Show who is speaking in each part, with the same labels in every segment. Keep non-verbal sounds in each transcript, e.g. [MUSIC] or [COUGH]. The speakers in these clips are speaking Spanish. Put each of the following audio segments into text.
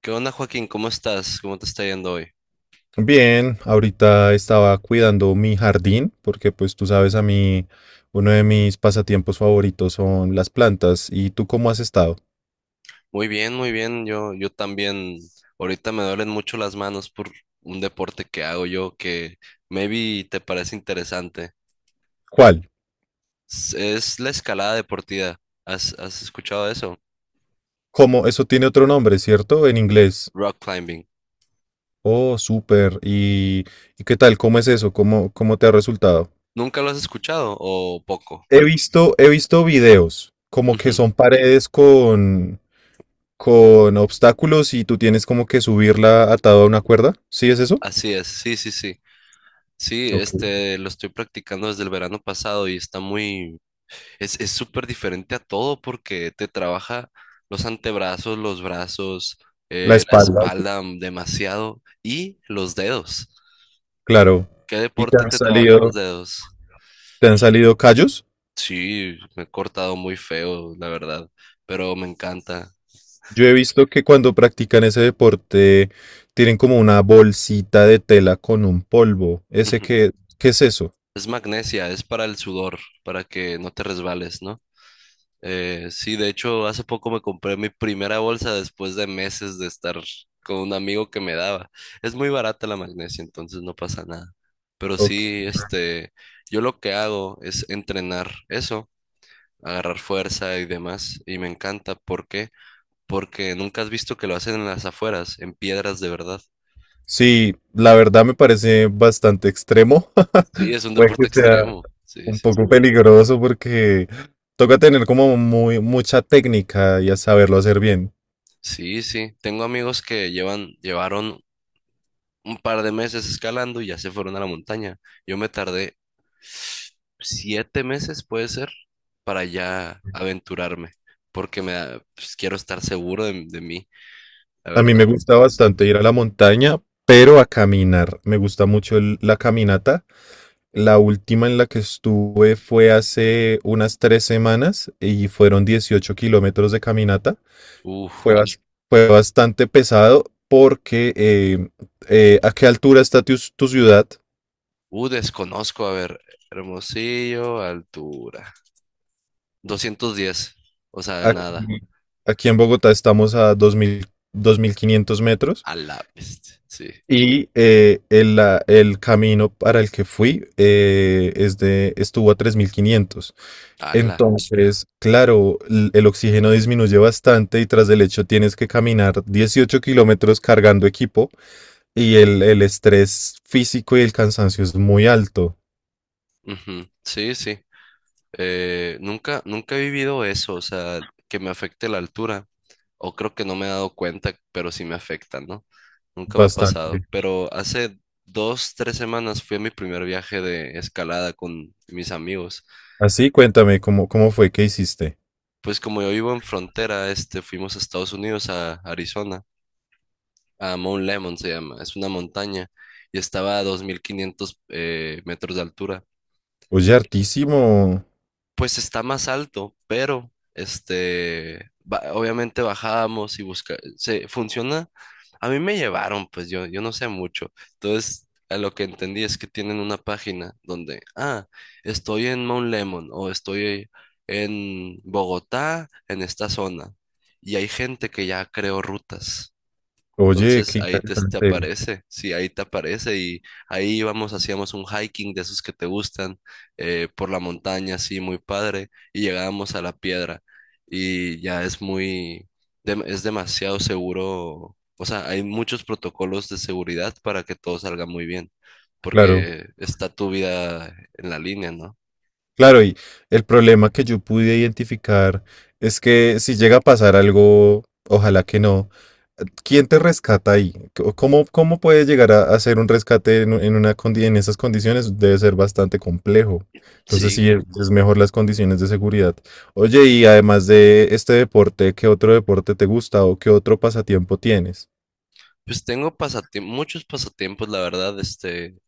Speaker 1: ¿Qué onda, Joaquín? ¿Cómo estás? ¿Cómo te está yendo hoy?
Speaker 2: Bien, ahorita estaba cuidando mi jardín porque pues tú sabes a mí, uno de mis pasatiempos favoritos son las plantas. ¿Y tú cómo has estado?
Speaker 1: Muy bien, muy bien. Yo también, ahorita me duelen mucho las manos por un deporte que hago yo que maybe te parece interesante.
Speaker 2: ¿Cuál?
Speaker 1: Es la escalada deportiva. ¿Has escuchado eso?
Speaker 2: ¿Cómo? Eso tiene otro nombre, ¿cierto? En inglés.
Speaker 1: Rock climbing.
Speaker 2: Oh, súper. ¿Y qué tal? ¿Cómo es eso? ¿Cómo te ha resultado?
Speaker 1: ¿Nunca lo has escuchado o poco?
Speaker 2: He visto videos,
Speaker 1: [LAUGHS]
Speaker 2: como que
Speaker 1: Ujú.
Speaker 2: son paredes con obstáculos y tú tienes como que subirla atado a una cuerda. ¿Sí es eso?
Speaker 1: Así es, sí, sí, sí. Sí,
Speaker 2: Ok.
Speaker 1: este, lo estoy practicando desde el verano pasado y está muy. Es súper diferente a todo porque te trabaja los antebrazos, los brazos,
Speaker 2: La
Speaker 1: la
Speaker 2: espalda.
Speaker 1: espalda demasiado y los dedos.
Speaker 2: Claro.
Speaker 1: ¿Qué
Speaker 2: ¿Y te
Speaker 1: deporte
Speaker 2: han
Speaker 1: te trabaja los
Speaker 2: salido,
Speaker 1: dedos?
Speaker 2: te han salido callos?
Speaker 1: Sí, me he cortado muy feo, la verdad, pero me encanta.
Speaker 2: Yo he visto que cuando practican ese deporte tienen como una bolsita de tela con un polvo. ¿Ese
Speaker 1: Ujú.
Speaker 2: qué es eso?
Speaker 1: Es magnesia, es para el sudor, para que no te resbales, ¿no? Sí, de hecho, hace poco me compré mi primera bolsa después de meses de estar con un amigo que me daba. Es muy barata la magnesia, entonces no pasa nada. Pero
Speaker 2: Ok.
Speaker 1: sí, este, yo lo que hago es entrenar eso, agarrar fuerza y demás, y me encanta. ¿Por qué? Porque nunca has visto que lo hacen en las afueras, en piedras de verdad.
Speaker 2: Sí, la verdad me parece bastante extremo.
Speaker 1: Sí, es
Speaker 2: [LAUGHS]
Speaker 1: un
Speaker 2: Puede
Speaker 1: deporte
Speaker 2: que sea.
Speaker 1: extremo. Sí,
Speaker 2: Un
Speaker 1: sí.
Speaker 2: poco peligroso porque toca tener como muy mucha técnica y a saberlo hacer bien.
Speaker 1: Sí, sí. Tengo amigos que llevaron un par de meses escalando y ya se fueron a la montaña. Yo me tardé 7 meses, puede ser, para ya aventurarme, porque pues, quiero estar seguro de mí, la
Speaker 2: A mí me
Speaker 1: verdad.
Speaker 2: gusta bastante ir a la montaña, pero a caminar. Me gusta mucho la caminata. La última en la que estuve fue hace unas 3 semanas y fueron 18 kilómetros de caminata.
Speaker 1: Uf,
Speaker 2: Fue, bas- fue bastante pesado porque ¿a qué altura está tu ciudad?
Speaker 1: desconozco, a ver, Hermosillo, altura, 210, o sea,
Speaker 2: Aquí,
Speaker 1: nada,
Speaker 2: aquí en Bogotá estamos a dos mil dos mil 2.500 metros.
Speaker 1: a la bestia, sí,
Speaker 2: Y el camino para el que fui estuvo a 3.500.
Speaker 1: a la,
Speaker 2: Entonces, claro, el oxígeno disminuye bastante y tras el hecho tienes que caminar 18 kilómetros cargando equipo y el estrés físico y el cansancio es muy alto,
Speaker 1: ujú, sí, sí. Nunca he vivido eso, o sea, que me afecte la altura, o creo que no me he dado cuenta, pero sí me afecta, ¿no? Nunca me ha pasado,
Speaker 2: bastante.
Speaker 1: pero hace dos, tres semanas fui a mi primer viaje de escalada con mis amigos.
Speaker 2: Así, cuéntame, ¿cómo fue que hiciste?
Speaker 1: Pues como yo vivo en frontera, este, fuimos a Estados Unidos, a Arizona, a Mount Lemon se llama, es una montaña, y estaba a 2.500 metros de altura.
Speaker 2: Oye, hartísimo.
Speaker 1: Pues está más alto, pero este, obviamente bajábamos y busca, se funciona. A mí me llevaron, pues yo no sé mucho. Entonces, a lo que entendí es que tienen una página donde, estoy en Mount Lemon o estoy en Bogotá, en esta zona. Y hay gente que ya creó rutas.
Speaker 2: Oye,
Speaker 1: Entonces
Speaker 2: qué
Speaker 1: ahí te
Speaker 2: interesante.
Speaker 1: aparece, sí, ahí te aparece y ahí íbamos, hacíamos un hiking de esos que te gustan por la montaña, sí, muy padre, y llegábamos a la piedra y ya es es demasiado seguro, o sea, hay muchos protocolos de seguridad para que todo salga muy bien,
Speaker 2: Claro.
Speaker 1: porque está tu vida en la línea, ¿no?
Speaker 2: Claro, y el problema que yo pude identificar es que si llega a pasar algo, ojalá que no, ¿quién te rescata ahí? ¿Cómo puedes llegar a hacer un rescate en, u- en una, condi- en esas condiciones? Debe ser bastante complejo. Entonces,
Speaker 1: Sí,
Speaker 2: sí, es mejor las condiciones de seguridad. Oye, y además de este deporte, ¿qué otro deporte te gusta o qué otro pasatiempo tienes?
Speaker 1: pues tengo muchos pasatiempos, la verdad, este,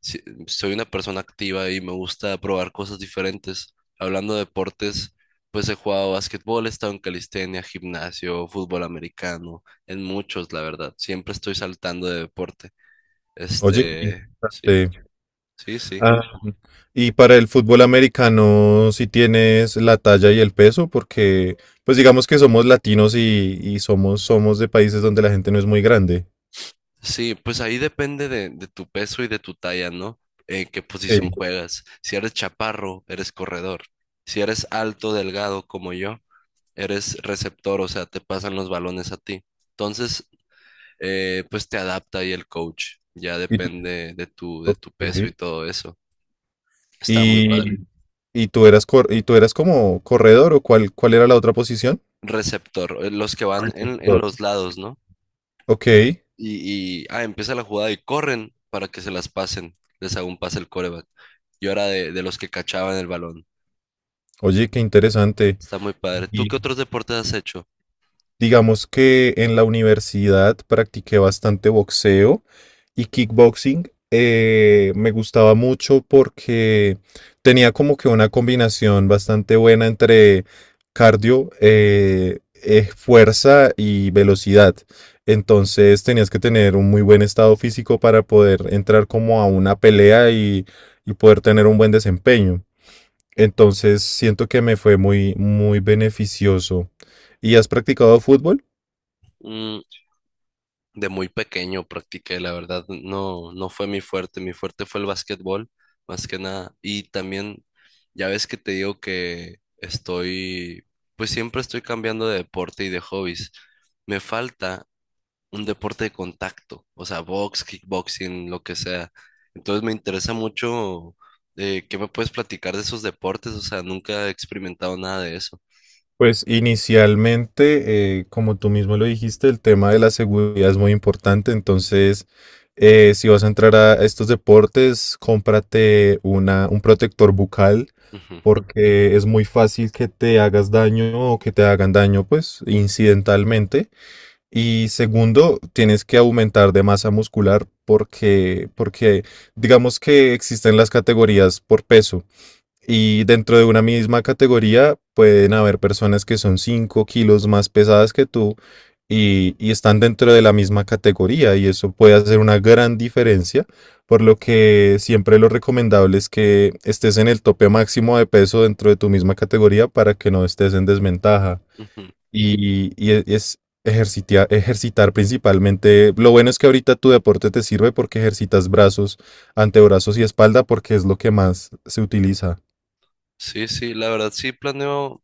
Speaker 1: sí, soy una persona activa y me gusta probar cosas diferentes. Hablando de deportes, pues he jugado básquetbol, he estado en calistenia, gimnasio, fútbol americano, en muchos, la verdad. Siempre estoy saltando de deporte.
Speaker 2: Oye, qué
Speaker 1: Este, sí,
Speaker 2: interesante.
Speaker 1: sí, sí.
Speaker 2: Y para el fútbol americano, si tienes la talla y el peso, porque pues digamos que somos latinos y somos de países donde la gente no es muy grande.
Speaker 1: Sí, pues ahí depende de tu peso y de tu talla, ¿no? En qué posición
Speaker 2: Sí.
Speaker 1: juegas. Si eres chaparro, eres corredor. Si eres alto, delgado como yo, eres receptor, o sea, te pasan los balones a ti. Entonces, pues te adapta ahí el coach. Ya
Speaker 2: Y, tú
Speaker 1: depende de tu, de
Speaker 2: ok.
Speaker 1: tu peso y todo eso. Está muy padre.
Speaker 2: y, y tú eras cor- y tú eras como corredor o cuál era la otra posición?
Speaker 1: Receptor, los que van en
Speaker 2: Receptor.
Speaker 1: los lados, ¿no?
Speaker 2: Ok.
Speaker 1: Y empieza la jugada y corren para que se las pasen. Les hago un pase el coreback. Yo era de los que cachaban el balón.
Speaker 2: Oye, qué interesante.
Speaker 1: Está muy padre. ¿Tú qué otros deportes has hecho?
Speaker 2: Digamos que en la universidad practiqué bastante boxeo y kickboxing. Me gustaba mucho porque tenía como que una combinación bastante buena entre cardio, fuerza y velocidad. Entonces tenías que tener un muy buen estado físico para poder entrar como a una pelea y poder tener un buen desempeño. Entonces siento que me fue muy, muy beneficioso. ¿Y has practicado fútbol?
Speaker 1: Mm, De muy pequeño practiqué, la verdad, no, no fue mi fuerte fue el básquetbol, más que nada. Y también, ya ves que te digo que estoy, pues siempre estoy cambiando de deporte y de hobbies. Me falta un deporte de contacto, o sea, box, kickboxing, lo que sea. Entonces me interesa mucho, ¿qué me puedes platicar de esos deportes? O sea, nunca he experimentado nada de eso.
Speaker 2: Pues inicialmente, como tú mismo lo dijiste, el tema de la seguridad es muy importante. Entonces, si vas a entrar a estos deportes, cómprate un protector bucal
Speaker 1: Ujú,
Speaker 2: porque es muy fácil que te hagas daño o que te hagan daño, pues, incidentalmente. Y segundo, tienes que aumentar de masa muscular porque digamos que existen las categorías por peso. Y dentro de una misma categoría pueden haber personas que son 5 kilos más pesadas que tú y están dentro de la misma categoría y eso puede hacer una gran diferencia, por lo que siempre lo recomendable es que estés en el tope máximo de peso dentro de tu misma categoría para que no estés en desventaja.
Speaker 1: ujú.
Speaker 2: Y, y e, es Ejercitar principalmente. Lo bueno es que ahorita tu deporte te sirve porque ejercitas brazos, antebrazos y espalda porque es lo que más se utiliza.
Speaker 1: Sí, sí, la verdad sí planeo.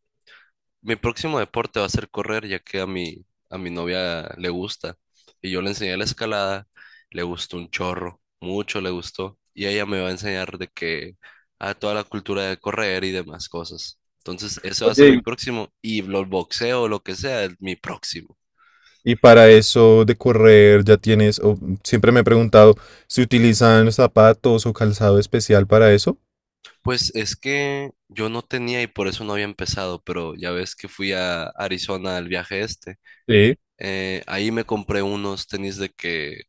Speaker 1: Mi próximo deporte va a ser correr, ya que a mi novia le gusta. Y yo le enseñé la escalada, le gustó un chorro, mucho le gustó. Y ella me va a enseñar de que a toda la cultura de correr y demás cosas. Entonces, eso va a ser mi
Speaker 2: Oye,
Speaker 1: próximo. Y los boxeo, lo que sea, es mi próximo.
Speaker 2: y para eso de correr siempre me he preguntado, ¿se utilizan zapatos o calzado especial para eso?
Speaker 1: Pues es que yo no tenía y por eso no había empezado, pero ya ves que fui a Arizona al viaje este.
Speaker 2: Sí.
Speaker 1: Ahí me compré unos tenis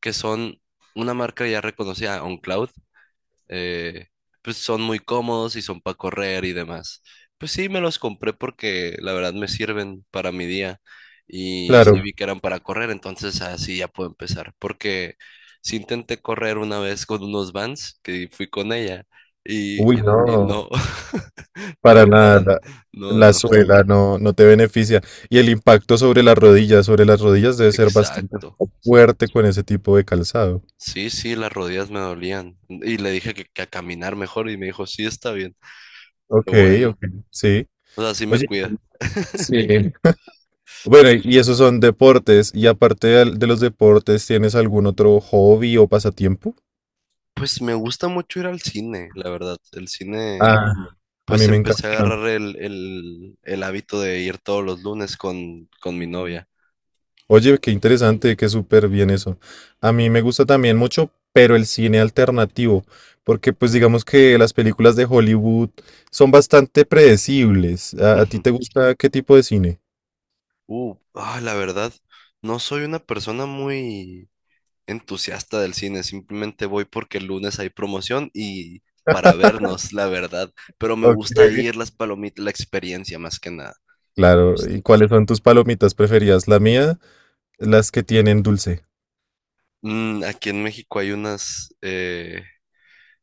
Speaker 1: que son una marca ya reconocida, OnCloud, eh, pues son muy cómodos y son para correr y demás. Pues sí, me los compré porque la verdad me sirven para mi día y
Speaker 2: Claro.
Speaker 1: sí vi que eran para correr, entonces así ya puedo empezar. Porque sí intenté correr una vez con unos Vans que fui con ella
Speaker 2: Uy,
Speaker 1: y
Speaker 2: no.
Speaker 1: no, [LAUGHS]
Speaker 2: Para
Speaker 1: no, para,
Speaker 2: nada,
Speaker 1: no,
Speaker 2: la
Speaker 1: no,
Speaker 2: suela no, no te beneficia. Y el impacto sobre las rodillas debe ser bastante
Speaker 1: exacto.
Speaker 2: fuerte con ese tipo de calzado.
Speaker 1: Sí, sí, las rodillas me dolían. Y le dije que a caminar mejor y me dijo, sí, está bien,
Speaker 2: Ok,
Speaker 1: lo bueno.
Speaker 2: ok, sí.
Speaker 1: O sea, sí me
Speaker 2: Oye,
Speaker 1: cuida.
Speaker 2: Sí. Bueno, y esos son deportes. Y aparte de los deportes, ¿tienes algún otro hobby o pasatiempo?
Speaker 1: Pues me gusta mucho ir al cine, la verdad. El cine,
Speaker 2: Ah, a
Speaker 1: pues
Speaker 2: mí me
Speaker 1: empecé a
Speaker 2: encanta.
Speaker 1: agarrar el hábito de ir todos los lunes con mi novia.
Speaker 2: Oye, qué interesante, qué súper bien eso. A mí me gusta también mucho, pero el cine alternativo, porque pues digamos que las películas de Hollywood son bastante predecibles. ¿A ti
Speaker 1: Ujú.
Speaker 2: te gusta qué tipo de cine?
Speaker 1: La verdad, no soy una persona muy entusiasta del cine, simplemente voy porque el lunes hay promoción y para vernos, la verdad. Pero me
Speaker 2: Ok.
Speaker 1: gusta ir, las palomitas, la experiencia más que nada. Me
Speaker 2: Claro,
Speaker 1: gusta.
Speaker 2: ¿y cuáles son tus palomitas preferidas? La mía, las que tienen dulce.
Speaker 1: Aquí en México hay unas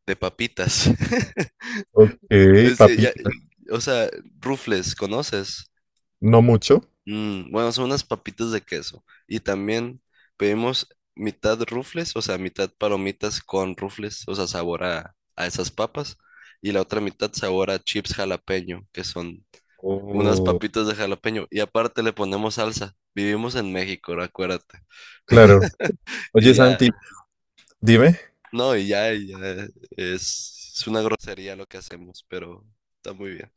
Speaker 1: de papitas. [LAUGHS]
Speaker 2: Ok,
Speaker 1: Es que
Speaker 2: papitas
Speaker 1: o sea, rufles, ¿conoces?
Speaker 2: ¿No mucho?
Speaker 1: Bueno, son unas papitas de queso. Y también pedimos mitad rufles, o sea, mitad palomitas con rufles, o sea, sabor a esas papas. Y la otra mitad sabor a chips jalapeño, que son unas
Speaker 2: Oh,
Speaker 1: papitas de jalapeño. Y aparte le ponemos salsa. Vivimos en México, acuérdate.
Speaker 2: claro.
Speaker 1: Y
Speaker 2: Oye,
Speaker 1: ya,
Speaker 2: Santi, dime.
Speaker 1: no, y ya es una grosería lo que hacemos, pero está muy bien.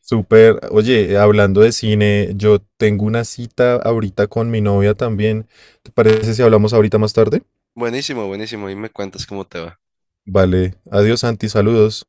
Speaker 2: Súper. Oye, hablando de cine, yo tengo una cita ahorita con mi novia también. ¿Te parece si hablamos ahorita más tarde?
Speaker 1: Buenísimo, buenísimo. Y me cuentas cómo te va.
Speaker 2: Vale. Adiós, Santi. Saludos.